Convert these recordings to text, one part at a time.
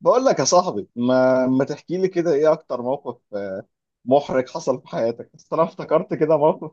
بقول لك يا صاحبي، ما تحكي لي كده ايه اكتر موقف محرج حصل في حياتك؟ بس انا افتكرت كده موقف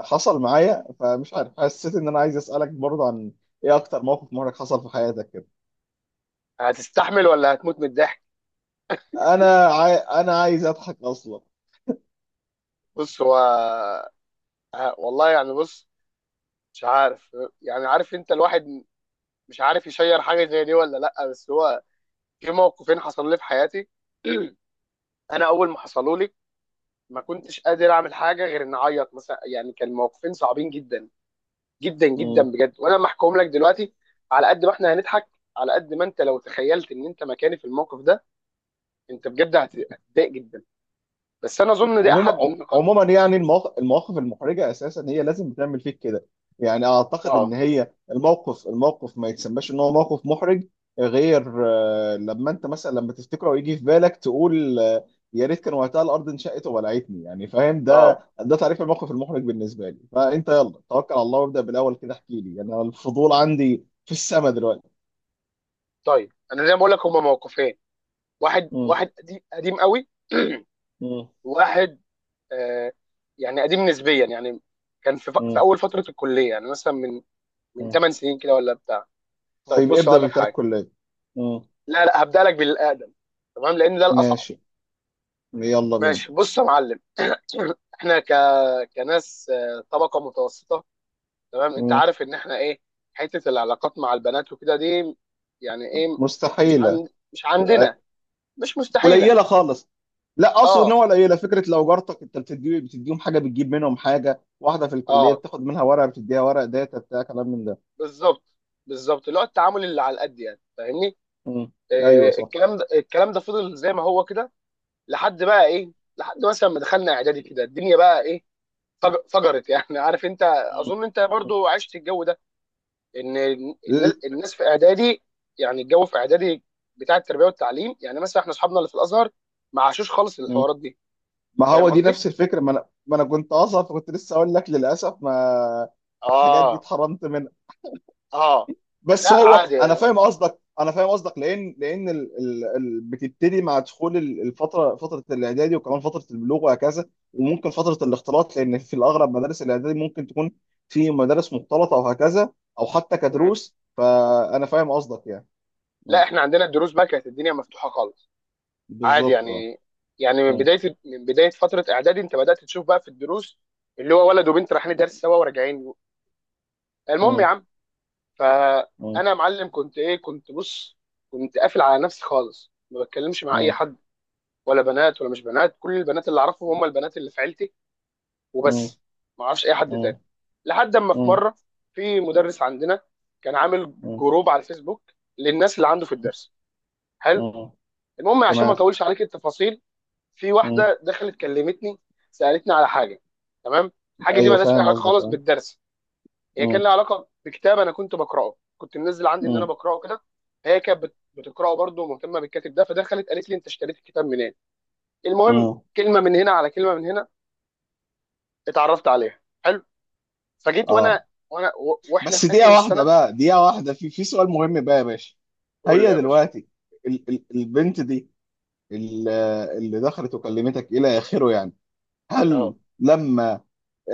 حصل معايا، فمش عارف، حسيت ان انا عايز اسالك برضه عن ايه اكتر موقف محرج حصل في حياتك كده. هتستحمل ولا هتموت من الضحك؟ انا عايز اضحك اصلا. بص، هو والله، يعني بص. مش عارف. يعني عارف انت الواحد مش عارف يشير حاجه زي دي ولا لا. بس هو في موقفين حصلوا لي في حياتي. انا اول ما حصلوا لي ما كنتش قادر اعمل حاجه غير ان اعيط، مثلا. يعني كان موقفين صعبين جدا جدا جدا، بجد. وانا لما احكيهم لك دلوقتي، على قد ما احنا هنضحك، على قد ما انت لو تخيلت ان انت مكاني في الموقف ده انت بجد هتضايق جدا بدا. بس انا اظن دي عموما احد ع- النقاط. عموما يعني المواقف المحرجه اساسا هي لازم بتعمل فيك كده، يعني اعتقد اه، ان هي الموقف ما يتسماش ان هو موقف محرج غير لما انت مثلا لما تفتكره ويجي في بالك تقول آه، يا ريت كان وقتها الارض انشقت وبلعتني. يعني فاهم، ده اه، ده تعريف الموقف المحرج بالنسبه لي. فانت يلا توكل على الله وابدا بالاول كده، احكي لي، يعني انا الفضول عندي في السما دلوقتي. طيب انا زي ما بقول لك هما موقفين. واحد مم. واحد قديم قديم قوي مم. واحد، آه يعني قديم نسبيا يعني. كان في مم. اول فتره الكليه، يعني مثلا من مم. 8 سنين كده ولا بتاع. طيب طيب بص اقول ابدا لك بتاع حاجه. الكليه. مم. لا لا، هبدا لك بالاقدم، تمام، لان ده الاصعب. ماشي، يلا بينا. ماشي، بص يا معلم. احنا كناس، طبقه متوسطه، تمام. انت مم. عارف ان احنا ايه، حته العلاقات مع البنات وكده دي يعني ايه؟ مستحيله. مش عندنا. أه، مش مستحيله. قليله خالص. لا، اقصد ان اه، هو قليله، فكره لو جارتك انت بتديهم حاجه بتجيب منهم حاجه، واحده في الكليه اه، بتاخد منها ورقه بتديها ورق داتا بتاع كلام من ده. بالظبط. بالظبط، اللي هو التعامل اللي على القد. يعني فاهمني. مم. ايوه صح. الكلام ده الكلام ده فضل زي ما هو كده لحد بقى ايه، لحد مثلا ما دخلنا اعدادي كده الدنيا بقى ايه، فجرت، يعني. عارف انت. مم. اظن انت مم. برضو عشت الجو ده. ان ل- الناس في اعدادي، يعني الجو في اعدادي بتاع التربيه والتعليم، يعني مثلا احنا اصحابنا اللي في الازهر ما عاشوش خالص مم. الحوارات دي. ما هو فاهم دي قصدي؟ نفس الفكره، ما انا كنت اصلا، فكنت لسه اقول لك للاسف ما الحاجات دي اه، اتحرمت، اه، بس لا هو عادي. انا فاهم قصدك، انا فاهم قصدك، لان بتبتدي مع دخول ال- الفتره فتره الاعدادي، وكمان فتره البلوغ، وهكذا، وممكن فتره الاختلاط، لان في الاغلب مدارس الاعدادي ممكن تكون في مدارس مختلطه او هكذا، او حتى مم. كدروس. فانا فاهم قصدك يعني. لا، مم. احنا عندنا الدروس بقى كانت الدنيا مفتوحه خالص، عادي بالظبط اه. يعني. يعني مم. من بدايه فتره اعدادي انت بدات تشوف بقى في الدروس اللي هو ولد وبنت رايحين درس سوا وراجعين. المهم يا مم. عم، مم. فانا يا معلم كنت ايه، كنت، بص كنت قافل على نفسي خالص، ما بتكلمش مع اي مم. حد، ولا بنات ولا مش بنات. كل البنات اللي اعرفهم هم البنات اللي في عيلتي مم. وبس. ما اعرفش اي حد مم. تاني لحد اما في مم. مره في مدرس عندنا كان عامل مم. جروب على الفيسبوك للناس اللي عنده في الدرس. حلو. مم. المهم، عشان ما تمام. اطولش عليك التفاصيل، في مم. واحده دخلت كلمتني، سالتني على حاجه. تمام. الحاجه دي ايوه مالهاش اي فاهم علاقه قصدك خالص اه. بالدرس. هي كان مم. لها علاقه بكتاب انا كنت بقراه، كنت منزل عندي ان انا مم. بقراه كده. هي كانت بتقراه برضه، ومهتمه بالكاتب ده، فدخلت قالت لي انت اشتريت الكتاب منين. المهم، مم. كلمه من هنا على كلمه من هنا اتعرفت عليها. حلو. فجيت اه. وانا، واحنا بس في اخر دقيقة واحدة السنه. بقى، دقيقة واحدة، في سؤال مهم بقى يا باشا. قول لي هي يا باشا. دلوقتي ال ال البنت دي، ال- اللي دخلت وكلمتك إلى آخره يعني، هل اه، لما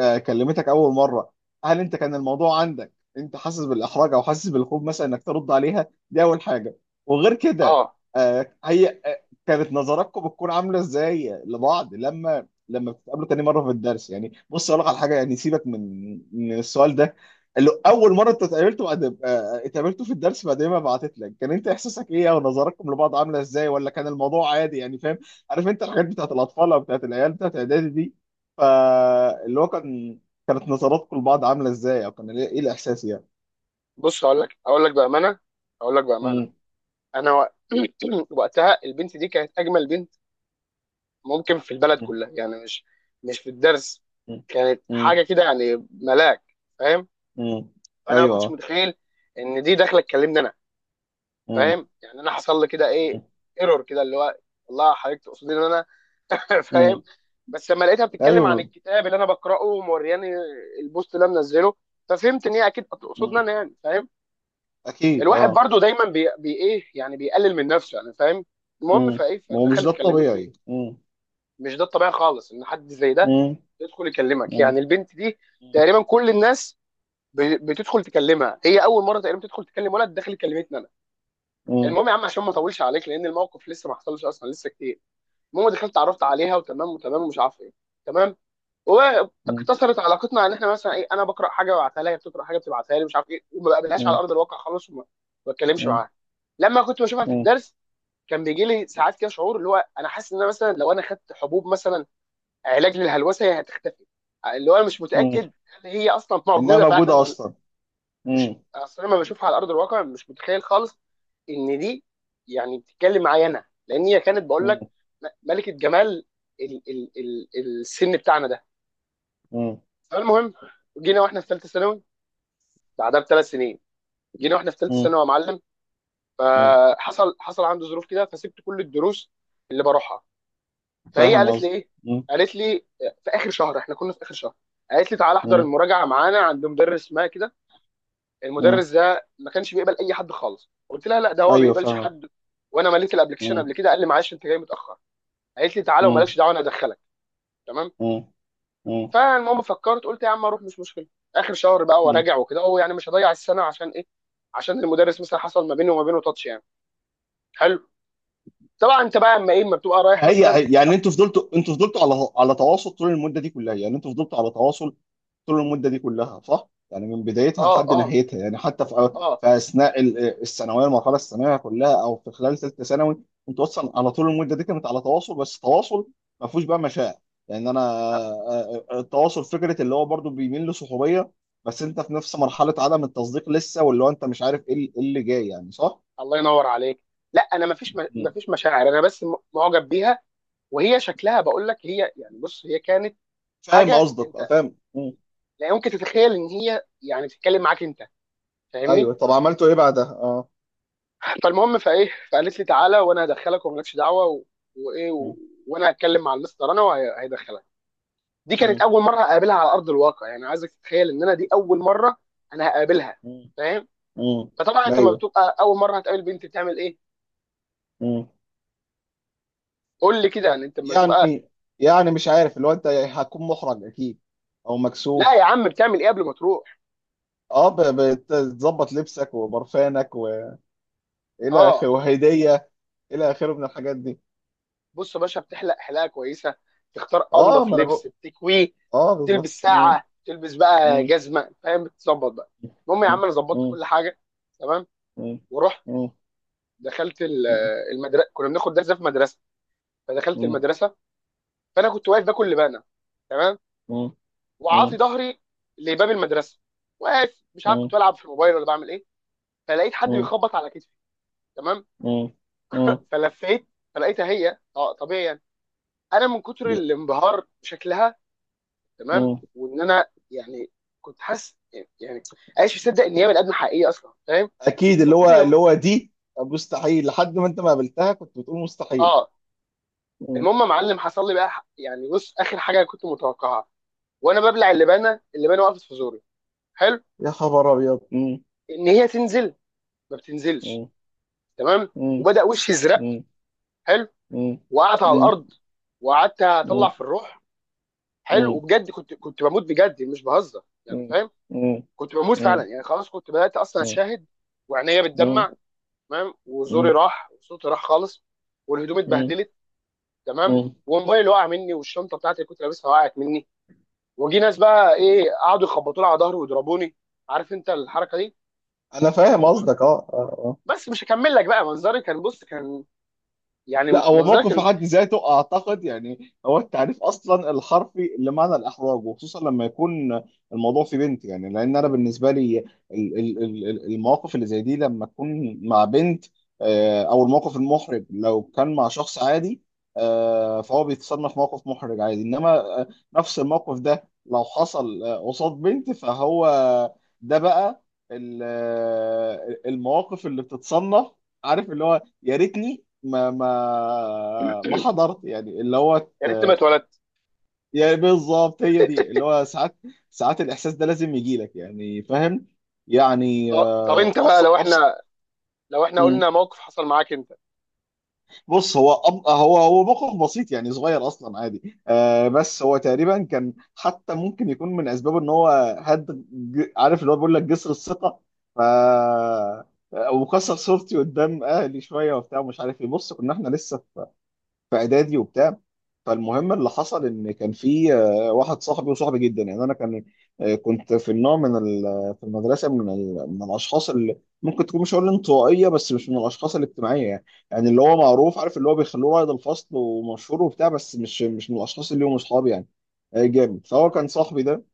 كلمتك اول مره، هل انت كان الموضوع عندك انت حاسس بالاحراج او حاسس بالخوف مثلا انك ترد عليها؟ دي اول حاجه. وغير كده اه، هي كانت نظراتكم بتكون عامله ازاي لبعض لما بتتقابلوا تاني مره في الدرس يعني؟ بص اقول لك على حاجه، يعني سيبك من السؤال ده، اللي اول مره انت اتقابلتوا بعد اتقابلتوا في الدرس بعد ما بعتت لك، كان انت احساسك ايه او نظراتكم لبعض عامله ازاي؟ ولا كان الموضوع عادي يعني، فاهم؟ عارف انت الحاجات بتاعت الاطفال او بتاعت العيال بتاعت اعدادي دي، فاللي هو كانت نظراتكم لبعض عامله ازاي، او كان إيه الاحساس يعني؟ بص هقول لك بامانه. هقول لك بامانه، مم. انا وقتها البنت دي كانت اجمل بنت ممكن في البلد مم. كلها، يعني مش مش في الدرس. مم. كانت مم. حاجه كده يعني، ملاك، فاهم. مم. فانا ما ايوه كنتش آه. متخيل ان دي داخله تكلمني انا. مم. فاهم يعني؟ انا حصل لي كده ايه، مم. ايرور كده، اللي هو والله حضرتك تقصدي ان انا؟ فاهم. مم. بس لما لقيتها بتتكلم عن ايوه. الكتاب اللي انا بقراه، ومورياني البوست اللي انا منزله، ففهمت ان هي اكيد تقصدنا مم. انا، يعني فاهم. اكيد الواحد اه. برضو دايما بي ايه يعني، بيقلل من نفسه، يعني فاهم. المهم مم. فايه، ما هو مش ده فدخلت كلمتني. الطبيعي. مم. مش ده الطبيعي خالص، ان حد زي ده مم. يدخل يكلمك، مم. يعني البنت دي مم. تقريبا كل الناس بتدخل تكلمها، هي اول مره تقريبا تدخل تكلم ولد، دخل كلمتني انا. مم. المهم يا عم، عشان ما اطولش عليك، لان الموقف لسه ما حصلش اصلا، لسه كتير. المهم دخلت اتعرفت عليها، وتمام وتمام ومش عارف ايه. تمام. مم. واقتصرت علاقتنا ان احنا مثلا ايه، انا بقرا حاجه ببعتها لها، هي بتقرا حاجه بتبعتها لي، مش عارف ايه. وما بقابلهاش على ارض الواقع خالص، ما بتكلمش مم. معاها. لما كنت بشوفها في مم. الدرس كان بيجي لي ساعات كده شعور اللي هو انا حاسس ان انا مثلا لو انا خدت حبوب مثلا، علاج للهلوسه، هي هتختفي. اللي هو انا مش متاكد مم. هل هي اصلا انها موجوده موجوده فعلا ولا. اصلا. مش مم. اصل انا لما بشوفها على ارض الواقع مش متخيل خالص ان دي يعني بتتكلم معايا انا، لان هي كانت بقول لك مم. ملكه جمال ال ال ال السن بتاعنا ده. مم. فالمهم، جينا واحنا في ثالثه ثانوي، بعدها بثلاث سنين، جينا واحنا في ثالثه مم. ثانوي، يا معلم، مم. حصل عنده ظروف كده، فسبت كل الدروس اللي بروحها. فهي فاهم قالت لي قصدي. ايه، مم. قالت لي في اخر شهر، احنا كنا في اخر شهر، قالت لي تعالى احضر مم. المراجعه معانا عند مدرس ما كده. مم. المدرس ده ما كانش بيقبل اي حد خالص. قلت لها لا، ده هو ما ايوه بيقبلش فاهمك. حد، وانا مليت الابلكيشن قبل مم. كده، قال لي معلش انت جاي متاخر. قالت لي تعالى مم. ومالكش دعوه، انا ادخلك. تمام. مم. فالمهم فكرت، قلت يا عم اروح، مش مشكله، اخر شهر بقى مم. وراجع وكده، هو يعني مش هضيع السنه عشان ايه، عشان المدرس، مثلا حصل ما بينه وما بينه تاتش يعني. حلو. طبعا انت بقى اما ايه، اما بتبقى رايح مثلا. فهي يعني، انتوا فضلتوا على تواصل طول المده دي كلها، يعني انتوا فضلتوا على تواصل طول المده دي كلها صح؟ يعني من بدايتها اه، لحد اه، نهايتها، يعني حتى في اه، في اثناء ال- الثانويه المرحله الثانويه كلها، او في خلال ثالثه ثانوي، انتوا اصلا على طول المده دي كانت على تواصل، بس تواصل ما فيهوش بقى مشاعر، يعني انا التواصل فكره اللي هو برضو بيميل لصحوبيه، بس انت في نفس مرحله عدم التصديق لسه، واللي هو انت مش عارف ايه اللي إيه اللي جاي يعني صح؟ الله ينور عليك. لا انا مفيش، مم. مشاعر، انا بس معجب بيها. وهي شكلها، بقول لك هي يعني، بص هي كانت فاهم حاجه قصدك انت فاهم. لا يمكن تتخيل ان هي يعني بتتكلم معاك انت. فاهمني. ايوه، طب عملتوا ايه بعدها؟ اه. فالمهم فايه، فقالت لي تعالى وانا هدخلك، ومالكش دعوه، و... وايه، و... مم. وانا هتكلم مع المستر انا وهيدخلك. دي كانت مم. اول مره اقابلها على ارض الواقع، يعني عايزك تتخيل ان انا دي اول مره انا هقابلها، مم. فاهم؟ مم. فطبعا انت لما ايوه. بتبقى اول مره هتقابل بنت بتعمل ايه؟ مم. قول لي كده، يعني انت لما تبقى. يعني يعني مش عارف، اللي هو انت هتكون محرج اكيد، او لا يا مكسوف. عم، بتعمل ايه قبل ما تروح؟ اه، بتظبط لبسك وبرفانك والى اه. اخره وهديه، الى اخره من الحاجات دي. بص يا باشا، بتحلق حلاقه كويسه، تختار اه انضف ما انا لبس بقول. بتكويه، اه تلبس بالظبط. مم. ساعه، تلبس بقى مم. جزمه، فاهم، بتظبط بقى. المهم يا مم. عم، انا ظبطت مم. كل حاجه. تمام، مم. ورحت، مم. دخلت مم. المدرسه، كنا بناخد درس ده في مدرسه، فدخلت مم. المدرسه. فانا كنت واقف باكل لبانه، تمام، وعاطي مم. ظهري لباب المدرسه، واقف، مش عارف مم. كنت بلعب في الموبايل ولا بعمل ايه. فلقيت حد مم. بيخبط على كتفي، تمام، مم. فلفيت، فلقيتها هي، طبيعي يعني. انا من كتر الانبهار بشكلها، تمام، مم. وان انا يعني كنت حاسس، يعني عايش مصدق ان هي من ادنى حقيقيه اصلا، فاهم، اكيد، من اللي هو كتر اللي هو دي مستحيل. لحد ما انت ما قابلتها كنت بتقول مستحيل. اه مم. المهم يا معلم، حصل لي بقى يعني، بص، اخر حاجه كنت متوقعها، وانا ببلع اللبانه، اللبانه وقفت في زوري، حلو، يا خبر ابيض. مم. ان هي تنزل ما بتنزلش. مم. تمام، مم. وبدا وشي يزرق، مم. حلو، مم. وقعت على مم. الارض وقعدت اطلع مم. في الروح، حلو. مم. وبجد كنت، بموت، بجد مش بهزر، يعني مم. فاهم، مم. كنت بموت فعلا مم. يعني، خلاص كنت بدات اصلا اشاهد، وعينيا مم. بتدمع، تمام، وزوري مم. راح وصوتي راح خالص، والهدوم مم. اتبهدلت، تمام، مم. وموبايلي وقع مني، والشنطه بتاعتي اللي كنت لابسها وقعت مني، وجي ناس بقى ايه، قعدوا يخبطوا لي على ظهري ويضربوني. عارف انت الحركه دي. انا فاهم وب- قصدك اه اه. آه. بس مش هكمل لك بقى، منظري كان، بص كان، يعني لا، هو منظري موقف في كان حد ذاته اعتقد، يعني هو التعريف اصلا الحرفي لمعنى الاحراج، وخصوصا لما يكون الموضوع في بنت، يعني لان انا بالنسبه لي المواقف اللي زي دي لما تكون مع بنت، او الموقف المحرج لو كان مع شخص عادي، فهو بيتصنف موقف محرج عادي، انما نفس الموقف ده لو حصل قصاد بنت، فهو ده بقى المواقف اللي بتتصنف، عارف اللي هو يا ريتني ما حضرت، يعني اللي هو يا ريتني ما اتولدت. يعني بالظبط، هي دي اللي هو ساعات الإحساس ده لازم يجي لك، يعني فاهم، يعني طب، طب، انت بقى لو أبسط. احنا، لو احنا مم. قلنا موقف حصل معاك انت؟ بص، هو هو موقف بسيط، يعني صغير أصلا عادي، بس هو تقريبا كان، حتى ممكن يكون من أسبابه إن هو عارف اللي هو بيقول لك جسر الثقة، ف وكسر صورتي قدام أهلي شوية وبتاع، مش عارف إيه، بص كنا إحنا لسه في اعدادي وبتاع. م- فالمهم اللي حصل ان كان في واحد صاحبي وصاحبي جدا، يعني انا كان كنت في النوع من في المدرسه من من الاشخاص اللي ممكن تكون، مش هقول انطوائيه بس مش من الاشخاص الاجتماعيه، يعني، يعني اللي هو معروف، عارف اللي هو بيخلوه قائد الفصل ومشهور وبتاع، بس مش من الاشخاص اللي هم اصحابي، يعني جامد. فهو م. كان صاحبي ده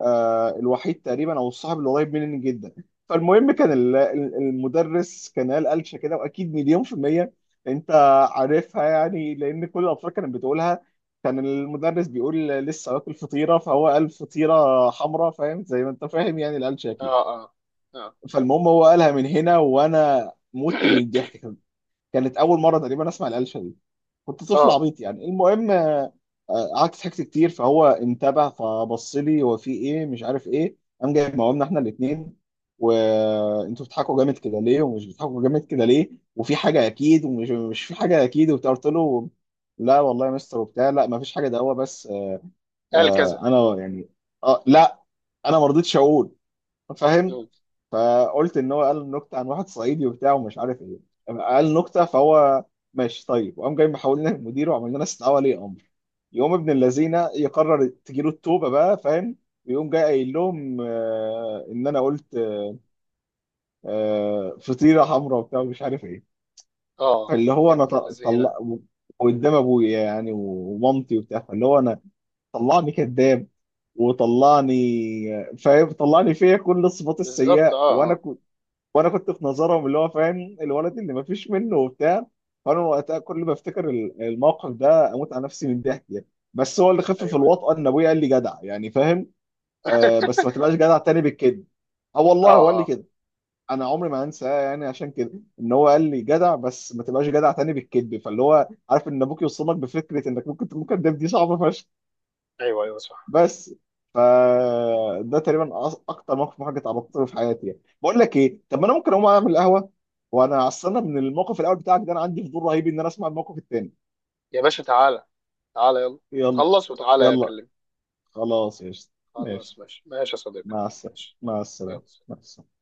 الوحيد تقريبا، او الصاحب اللي قريب مني جدا. فالمهم كان المدرس كان قال قلشه كده، واكيد مليون في الميه انت عارفها يعني، لان كل الاطفال كانت بتقولها. كان المدرس بيقول لسه واكل فطيره، فهو قال فطيره حمراء، فاهم زي ما انت فاهم، يعني القلشه اه، اكيد. اه، اه، فالمهم هو قالها من هنا، وانا مت من الضحك، كانت اول مره تقريبا اسمع القلشه دي، كنت طفل اه، عبيط يعني. المهم قعدت ضحكت كتير، فهو انتبه فبص لي، هو في ايه، مش عارف ايه، قام جايب مقاومنا احنا الاثنين، وانتوا بتضحكوا جامد كده ليه، ومش بتضحكوا جامد كده ليه، وفي حاجه اكيد، ومش مش في حاجه اكيد وبتاع. قلت له: لا والله يا مستر وبتاع، لا ما فيش حاجه، ده هو بس قال آه، كذا. انا يعني، اه لا انا ما رضيتش اقول، فاهم. م. فقلت ان هو قال نكته عن واحد صعيدي وبتاع، ومش عارف ايه، قال نكته. فهو ماشي طيب. وقام جاي محول لنا المدير، وعمل لنا استدعاء ولي امر، يقوم ابن اللذينه يقرر تجيله التوبه بقى، فاهم؟ ويقوم جاي قايل لهم ان انا قلت فطيره حمراء وبتاع، ومش عارف ايه، اه، فاللي هو يا انا ابن ط- اللذينه. طلع قدام ابويا يعني ومامتي وبتاع. فاللي هو انا طلعني كذاب، وطلعني، فاهم، طلعني فيا كل الصفات بالظبط، السيئه، اه، وانا اه، وانا كنت في نظرهم اللي هو، فاهم، الولد اللي مفيش منه وبتاع. فانا وقتها كل ما افتكر الموقف ده اموت على نفسي من الضحك يعني. بس هو اللي خفف ايوه، ايوه، الوطأة ان ابويا قال لي جدع، يعني فاهم، آه، بس ما تبقاش جدع تاني بالكده. اه والله اه، هو قال لي اه، كده. انا عمري ما هنساه يعني عشان كده، ان هو قال لي جدع بس ما تبقاش جدع تاني بالكذب، فاللي هو عارف ان ابوك يوصمك بفكره انك ممكن تكون كداب، دي صعبه فشخ. ايوه، ايوه، صح. بس ف ده تقريبا اكتر موقف محرج اتعرضت له في حياتي، يعني بقول لك ايه، طب ما انا ممكن اقوم اعمل قهوه، وانا اصل انا من الموقف الاول بتاعك ده انا عندي فضول رهيب ان انا اسمع الموقف التاني. يا باشا تعالى، تعالى يلا، يلا. خلص وتعالى يلا. اكلمك. خلاص يا شيخ. خلاص، ماشي، ماشي ماشي يا صديقي. مع السلامه، ماشي. مع السلامه، يلا. مع السلامه.